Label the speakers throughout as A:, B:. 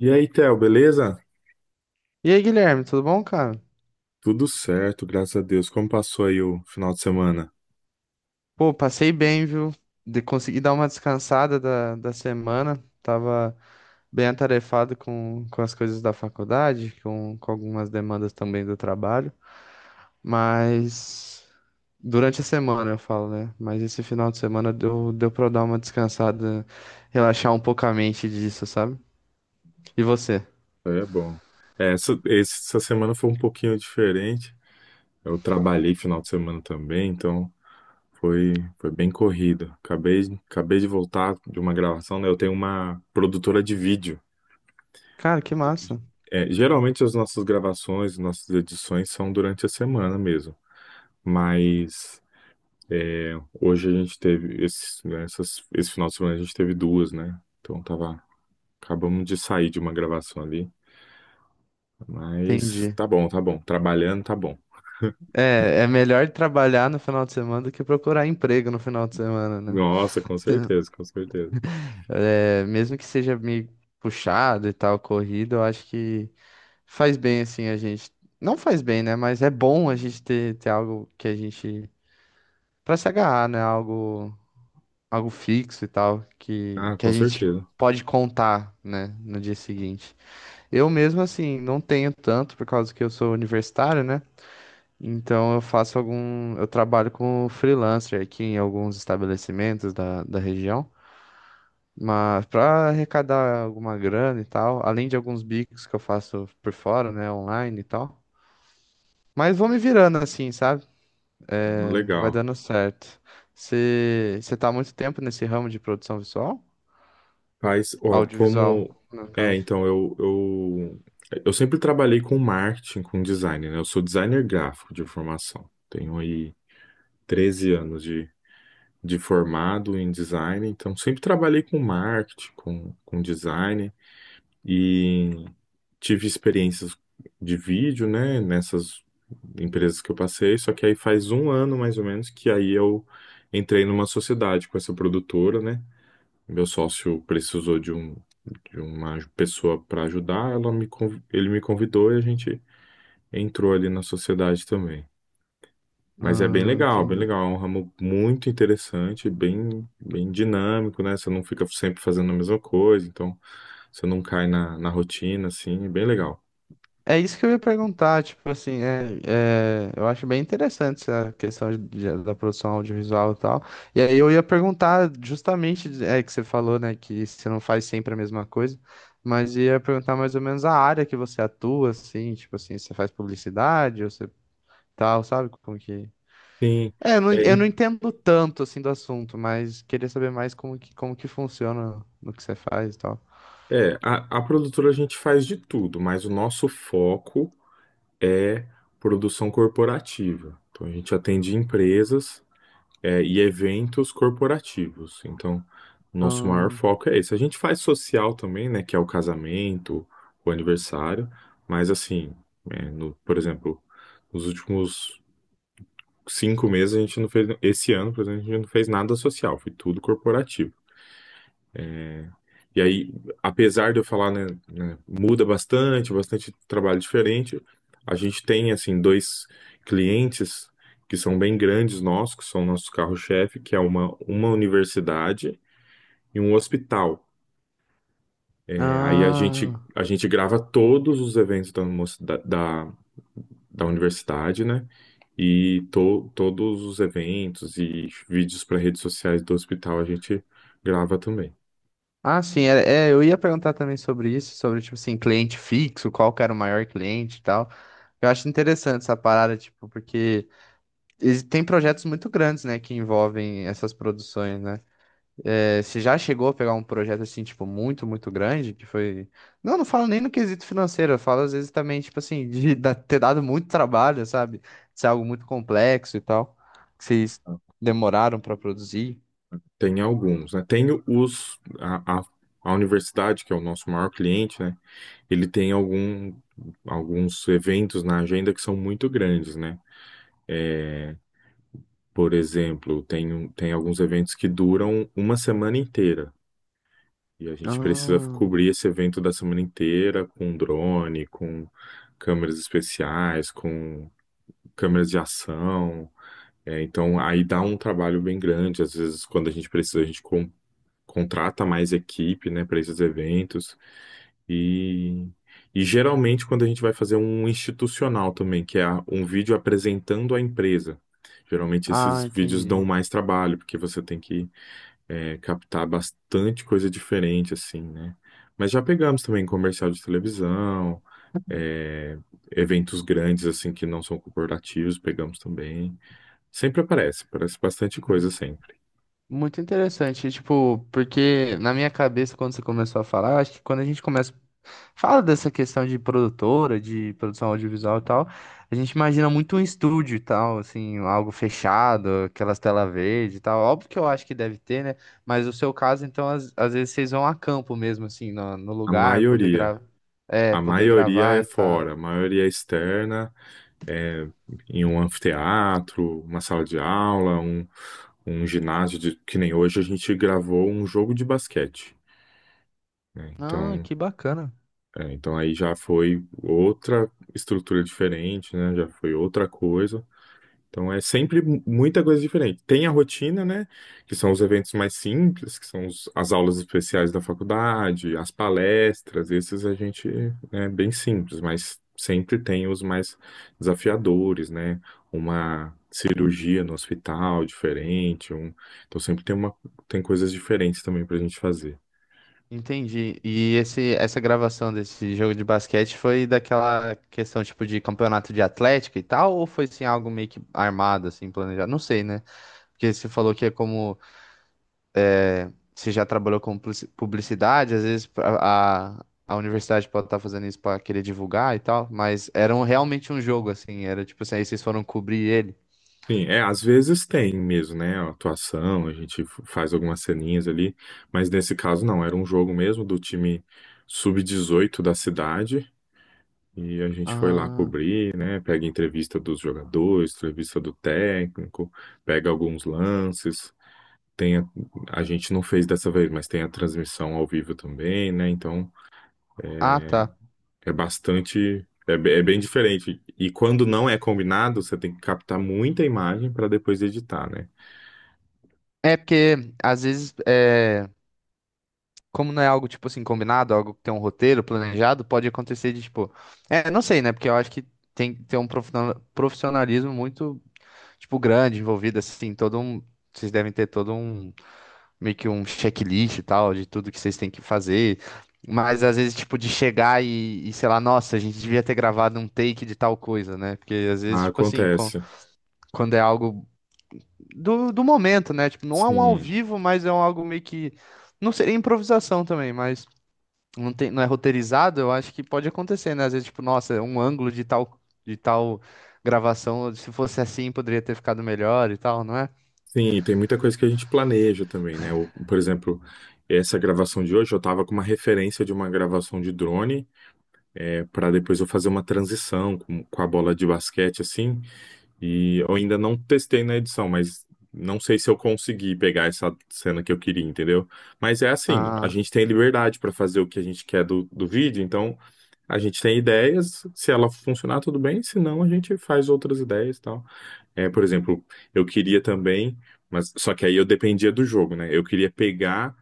A: E aí, Theo, beleza?
B: E aí, Guilherme, tudo bom, cara?
A: Tudo certo, graças a Deus. Como passou aí o final de semana?
B: Pô, passei bem, viu? De conseguir dar uma descansada da semana. Tava bem atarefado com as coisas da faculdade, com algumas demandas também do trabalho. Mas durante a semana eu falo, né? Mas esse final de semana deu pra eu dar uma descansada, relaxar um pouco a mente disso, sabe? E você?
A: É bom. Essa semana foi um pouquinho diferente. Eu trabalhei final de semana também, então foi bem corrido. Acabei de voltar de uma gravação, né? Eu tenho uma produtora de vídeo.
B: Cara, que massa.
A: Geralmente as nossas gravações, nossas edições são durante a semana mesmo. Mas hoje a gente teve, esse, né, essas- esse final de semana a gente teve duas, né? Então tava Acabamos de sair de uma gravação ali, mas
B: Entendi.
A: tá bom, tá bom. Trabalhando, tá bom.
B: É, é melhor trabalhar no final de semana do que procurar emprego no final de semana, né?
A: Nossa, com certeza, com certeza.
B: É, mesmo que seja meio puxado e tal, corrido, eu acho que faz bem assim a gente. Não faz bem, né? Mas é bom a gente ter, ter algo que a gente. Pra se agarrar, né? Algo, algo fixo e tal,
A: Ah,
B: que a
A: com
B: gente
A: certeza.
B: pode contar, né? No dia seguinte. Eu mesmo, assim, não tenho tanto, por causa que eu sou universitário, né? Então eu faço algum. Eu trabalho com freelancer aqui em alguns estabelecimentos da região, mas para arrecadar alguma grana e tal, além de alguns bicos que eu faço por fora, né, online e tal. Mas vou me virando assim, sabe? Vai
A: Legal.
B: dando certo. Você tá há muito tempo nesse ramo de produção visual?
A: Faz, ó,
B: Audiovisual,
A: como.
B: no
A: É,
B: caso.
A: então, eu, eu, eu sempre trabalhei com marketing, com design, né? Eu sou designer gráfico de formação. Tenho aí 13 anos de formado em design, então sempre trabalhei com marketing, com design. E tive experiências de vídeo, né, nessas empresas que eu passei, só que aí faz um ano mais ou menos que aí eu entrei numa sociedade com essa produtora, né? Meu sócio precisou de uma pessoa para ajudar, ele me convidou e a gente entrou ali na sociedade também. Mas é
B: Ah,
A: bem
B: entendi.
A: legal, é um ramo muito interessante, bem bem dinâmico, né? Você não fica sempre fazendo a mesma coisa, então você não cai na rotina, assim, é bem legal.
B: É isso que eu ia perguntar, tipo assim, eu acho bem interessante essa questão da produção audiovisual e tal. E aí eu ia perguntar justamente, é que você falou, né, que você não faz sempre a mesma coisa, mas ia perguntar mais ou menos a área que você atua, assim, tipo assim, você faz publicidade ou você tal, sabe como que...
A: Sim,
B: É,
A: é,
B: eu não entendo tanto, assim, do assunto, mas queria saber mais como que funciona no que você faz e tal.
A: É, a, a produtora a gente faz de tudo, mas o nosso foco é produção corporativa. Então a gente atende empresas, e eventos corporativos. Então, nosso maior
B: Hum.
A: foco é esse. A gente faz social também, né, que é o casamento, o aniversário, mas assim, por exemplo, nos últimos 5 meses a gente não fez, esse ano, por exemplo, a gente não fez nada social, foi tudo corporativo. E aí, apesar de eu falar, né, muda bastante, bastante trabalho diferente, a gente tem, assim, dois clientes que são bem grandes nossos, que são nosso carro-chefe, que é uma universidade e um hospital. Aí a gente,
B: Ah.
A: a gente grava todos os eventos da, moci- da, da, da universidade, né? E todos os eventos e vídeos para redes sociais do hospital a gente grava também.
B: Ah, sim, eu ia perguntar também sobre isso, sobre, tipo assim, cliente fixo, qual que era o maior cliente e tal. Eu acho interessante essa parada, tipo, porque tem projetos muito grandes, né, que envolvem essas produções, né? É, você já chegou a pegar um projeto, assim, tipo, muito, muito grande, que foi... Não, não falo nem no quesito financeiro, eu falo, às vezes, também, tipo assim, de ter dado muito trabalho, sabe? De ser algo muito complexo e tal, que vocês demoraram pra produzir.
A: Tem alguns, né? Tem a universidade, que é o nosso maior cliente, né? Ele tem alguns eventos na agenda que são muito grandes, né? Por exemplo, tem alguns eventos que duram uma semana inteira. E a gente precisa
B: Ah,
A: cobrir esse evento da semana inteira com drone, com câmeras especiais, com câmeras de ação. Então, aí dá um trabalho bem grande. Às vezes, quando a gente precisa, a gente contrata mais equipe, né, para esses eventos. E geralmente quando a gente vai fazer um institucional também, que é um vídeo apresentando a empresa. Geralmente
B: ah,
A: esses vídeos dão
B: entendi.
A: mais trabalho, porque você tem que captar bastante coisa diferente, assim, né? Mas já pegamos também comercial de televisão, é, eventos grandes, assim, que não são corporativos, pegamos também. Sempre aparece bastante coisa sempre.
B: Muito interessante, tipo, porque na minha cabeça, quando você começou a falar, acho que quando a gente começa, fala dessa questão de produtora, de produção audiovisual e tal, a gente imagina muito um estúdio e tal, assim, algo fechado, aquelas telas verdes e tal. Óbvio que eu acho que deve ter, né? Mas o seu caso, então, às vezes vocês vão a campo mesmo, assim, no
A: A
B: lugar, poder
A: maioria.
B: gravar, é,
A: A
B: poder
A: maioria
B: gravar
A: é
B: e tal.
A: fora, a maioria é externa. é, Em um anfiteatro, uma sala de aula, um ginásio, que nem hoje a gente gravou um jogo de basquete, né?
B: Ah,
A: Então,
B: que bacana.
A: é, então aí já foi outra estrutura diferente, né? Já foi outra coisa. Então é sempre muita coisa diferente. Tem a rotina, né? Que são os eventos mais simples, que são as aulas especiais da faculdade, as palestras, esses a gente é bem simples, mas sempre tem os mais desafiadores, né? Uma cirurgia no hospital diferente, um... Então sempre tem uma tem coisas diferentes também para a gente fazer.
B: Entendi. E essa gravação desse jogo de basquete foi daquela questão tipo de campeonato de atlética e tal, ou foi assim algo meio que armado, assim, planejado? Não sei, né? Porque você falou que é como você já trabalhou com publicidade, às vezes a universidade pode estar fazendo isso para querer divulgar e tal, mas era realmente um jogo, assim, era tipo assim, aí vocês foram cobrir ele.
A: Às vezes tem mesmo, né? A atuação, a gente faz algumas ceninhas ali, mas nesse caso não, era um jogo mesmo do time sub 18 da cidade e a gente foi lá
B: Ah,
A: cobrir, né? Pega entrevista dos jogadores, entrevista do técnico, pega alguns lances. Tem a, a gente não fez dessa vez, mas tem a transmissão ao vivo também, né? Então
B: ah, tá.
A: é bastante, é bem diferente. E quando não é combinado, você tem que captar muita imagem para depois editar, né?
B: É porque às vezes. É como não é algo, tipo assim, combinado, algo que tem um roteiro planejado, pode acontecer de, tipo. É, não sei, né? Porque eu acho que tem que ter um profissionalismo muito, tipo, grande envolvido, assim, todo um. Vocês devem ter todo um, meio que um checklist e tal, de tudo que vocês têm que fazer. Mas às vezes, tipo, de chegar e, sei lá, nossa, a gente devia ter gravado um take de tal coisa, né? Porque às vezes,
A: Ah,
B: tipo assim,
A: acontece.
B: quando é algo do momento, né? Tipo, não é um ao
A: Sim,
B: vivo, mas é um algo meio que. Não seria improvisação também, mas não tem, não é roteirizado, eu acho que pode acontecer, né? Às vezes, tipo, nossa, um ângulo de tal gravação, se fosse assim, poderia ter ficado melhor e tal, não é?
A: sim, e tem muita coisa que a gente planeja também, né? Por exemplo, essa gravação de hoje, eu tava com uma referência de uma gravação de drone, para depois eu fazer uma transição com a bola de basquete, assim, e eu ainda não testei na edição, mas não sei se eu consegui pegar essa cena que eu queria, entendeu? Mas é assim, a
B: Ah,
A: gente tem liberdade para fazer o que a gente quer do vídeo, então a gente tem ideias, se ela funcionar, tudo bem, se não, a gente faz outras ideias e tal. Por exemplo, eu queria também, mas só que aí eu dependia do jogo, né? Eu queria pegar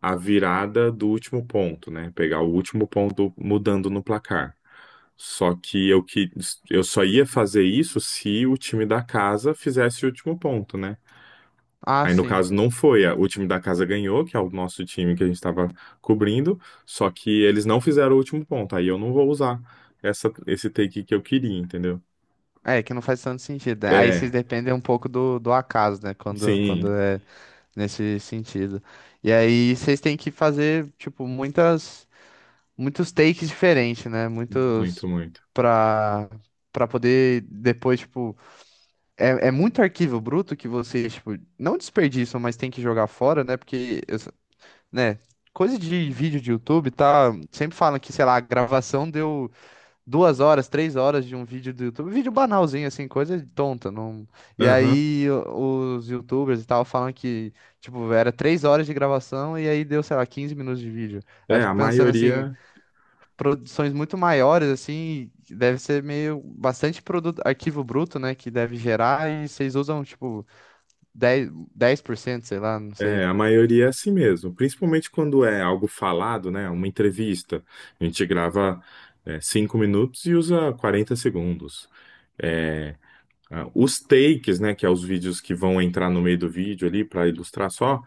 A: a virada do último ponto, né? Pegar o último ponto mudando no placar. Só que eu só ia fazer isso se o time da casa fizesse o último ponto, né?
B: ah,
A: Aí no
B: sim.
A: caso não foi, o time da casa ganhou, que é o nosso time que a gente estava cobrindo, só que eles não fizeram o último ponto. Aí eu não vou usar esse take que eu queria, entendeu?
B: É, que não faz tanto sentido, né? Aí vocês
A: É,
B: dependem um pouco do acaso, né? Quando
A: sim,
B: é nesse sentido. E aí vocês têm que fazer, tipo, muitas, muitos takes diferentes, né? Muitos
A: muito, muito.
B: pra, pra poder depois, tipo, é, é muito arquivo bruto que vocês, tipo, não desperdiçam, mas tem que jogar fora, né? Porque, né, coisa de vídeo de YouTube, tá? Sempre falam que, sei lá, a gravação deu 2 horas, 3 horas de um vídeo do YouTube. Vídeo banalzinho, assim, coisa tonta. Não... E
A: Aham.
B: aí os YouTubers e tal falam que, tipo, era 3 horas de gravação e aí deu, sei lá, 15 minutos de vídeo. Aí eu
A: É,
B: fico
A: a
B: pensando assim,
A: maioria,
B: produções muito maiores, assim, deve ser meio bastante produto, arquivo bruto, né, que deve gerar e vocês usam, tipo, dez 10%, sei lá, não sei.
A: a maioria é assim mesmo, principalmente quando é algo falado, né? Uma entrevista. A gente grava, 5 minutos e usa 40 segundos. É, os takes, né? Que é os vídeos que vão entrar no meio do vídeo ali para ilustrar só.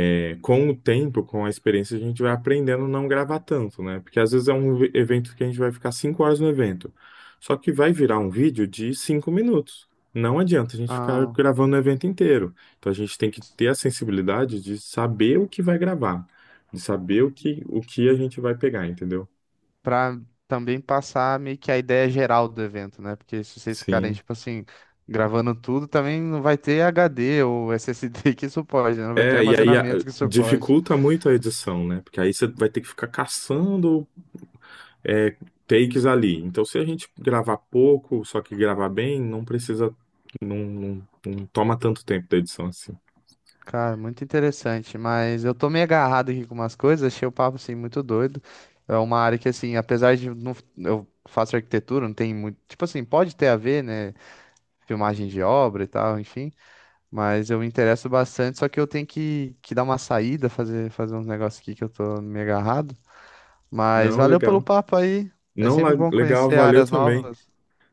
A: Com o tempo, com a experiência, a gente vai aprendendo a não gravar tanto, né? Porque às vezes é um evento que a gente vai ficar 5 horas no evento. Só que vai virar um vídeo de 5 minutos. Não adianta a gente ficar
B: Ah,
A: gravando o evento inteiro. Então a gente tem que ter a sensibilidade de saber o que vai gravar, de saber o que a gente vai pegar, entendeu?
B: para também passar meio que a ideia geral do evento, né? Porque se vocês ficarem,
A: Sim.
B: tipo assim, gravando tudo, também não vai ter HD ou SSD que suporte, né? Não vai ter
A: E aí
B: armazenamento que suporte.
A: dificulta muito a edição, né? Porque aí você vai ter que ficar caçando é, takes ali. Então, se a gente gravar pouco, só que gravar bem, não precisa, não, não, não toma tanto tempo da edição assim.
B: Cara, muito interessante, mas eu tô meio agarrado aqui com umas coisas, achei o papo assim muito doido. É uma área que assim, apesar de não, eu faço arquitetura, não tem muito, tipo assim, pode ter a ver, né, filmagem de obra e tal, enfim, mas eu me interesso bastante, só que eu tenho que dar uma saída, fazer uns negócios aqui que eu tô meio agarrado, mas
A: Não,
B: valeu pelo
A: legal.
B: papo aí. É
A: Não,
B: sempre bom
A: legal,
B: conhecer
A: valeu
B: áreas
A: também.
B: novas,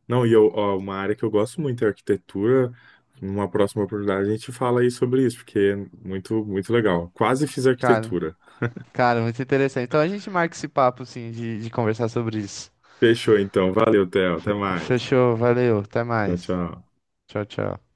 A: Não, e eu, ó, uma área que eu gosto muito é arquitetura. Numa próxima oportunidade a gente fala aí sobre isso, porque é muito, muito legal. Quase fiz
B: cara.
A: arquitetura.
B: Cara, muito interessante. Então a gente marca esse papo, assim, de conversar sobre isso.
A: Fechou então. Valeu, Theo. Até mais.
B: Fechou, valeu, até
A: Tchau,
B: mais.
A: tchau.
B: Tchau, tchau.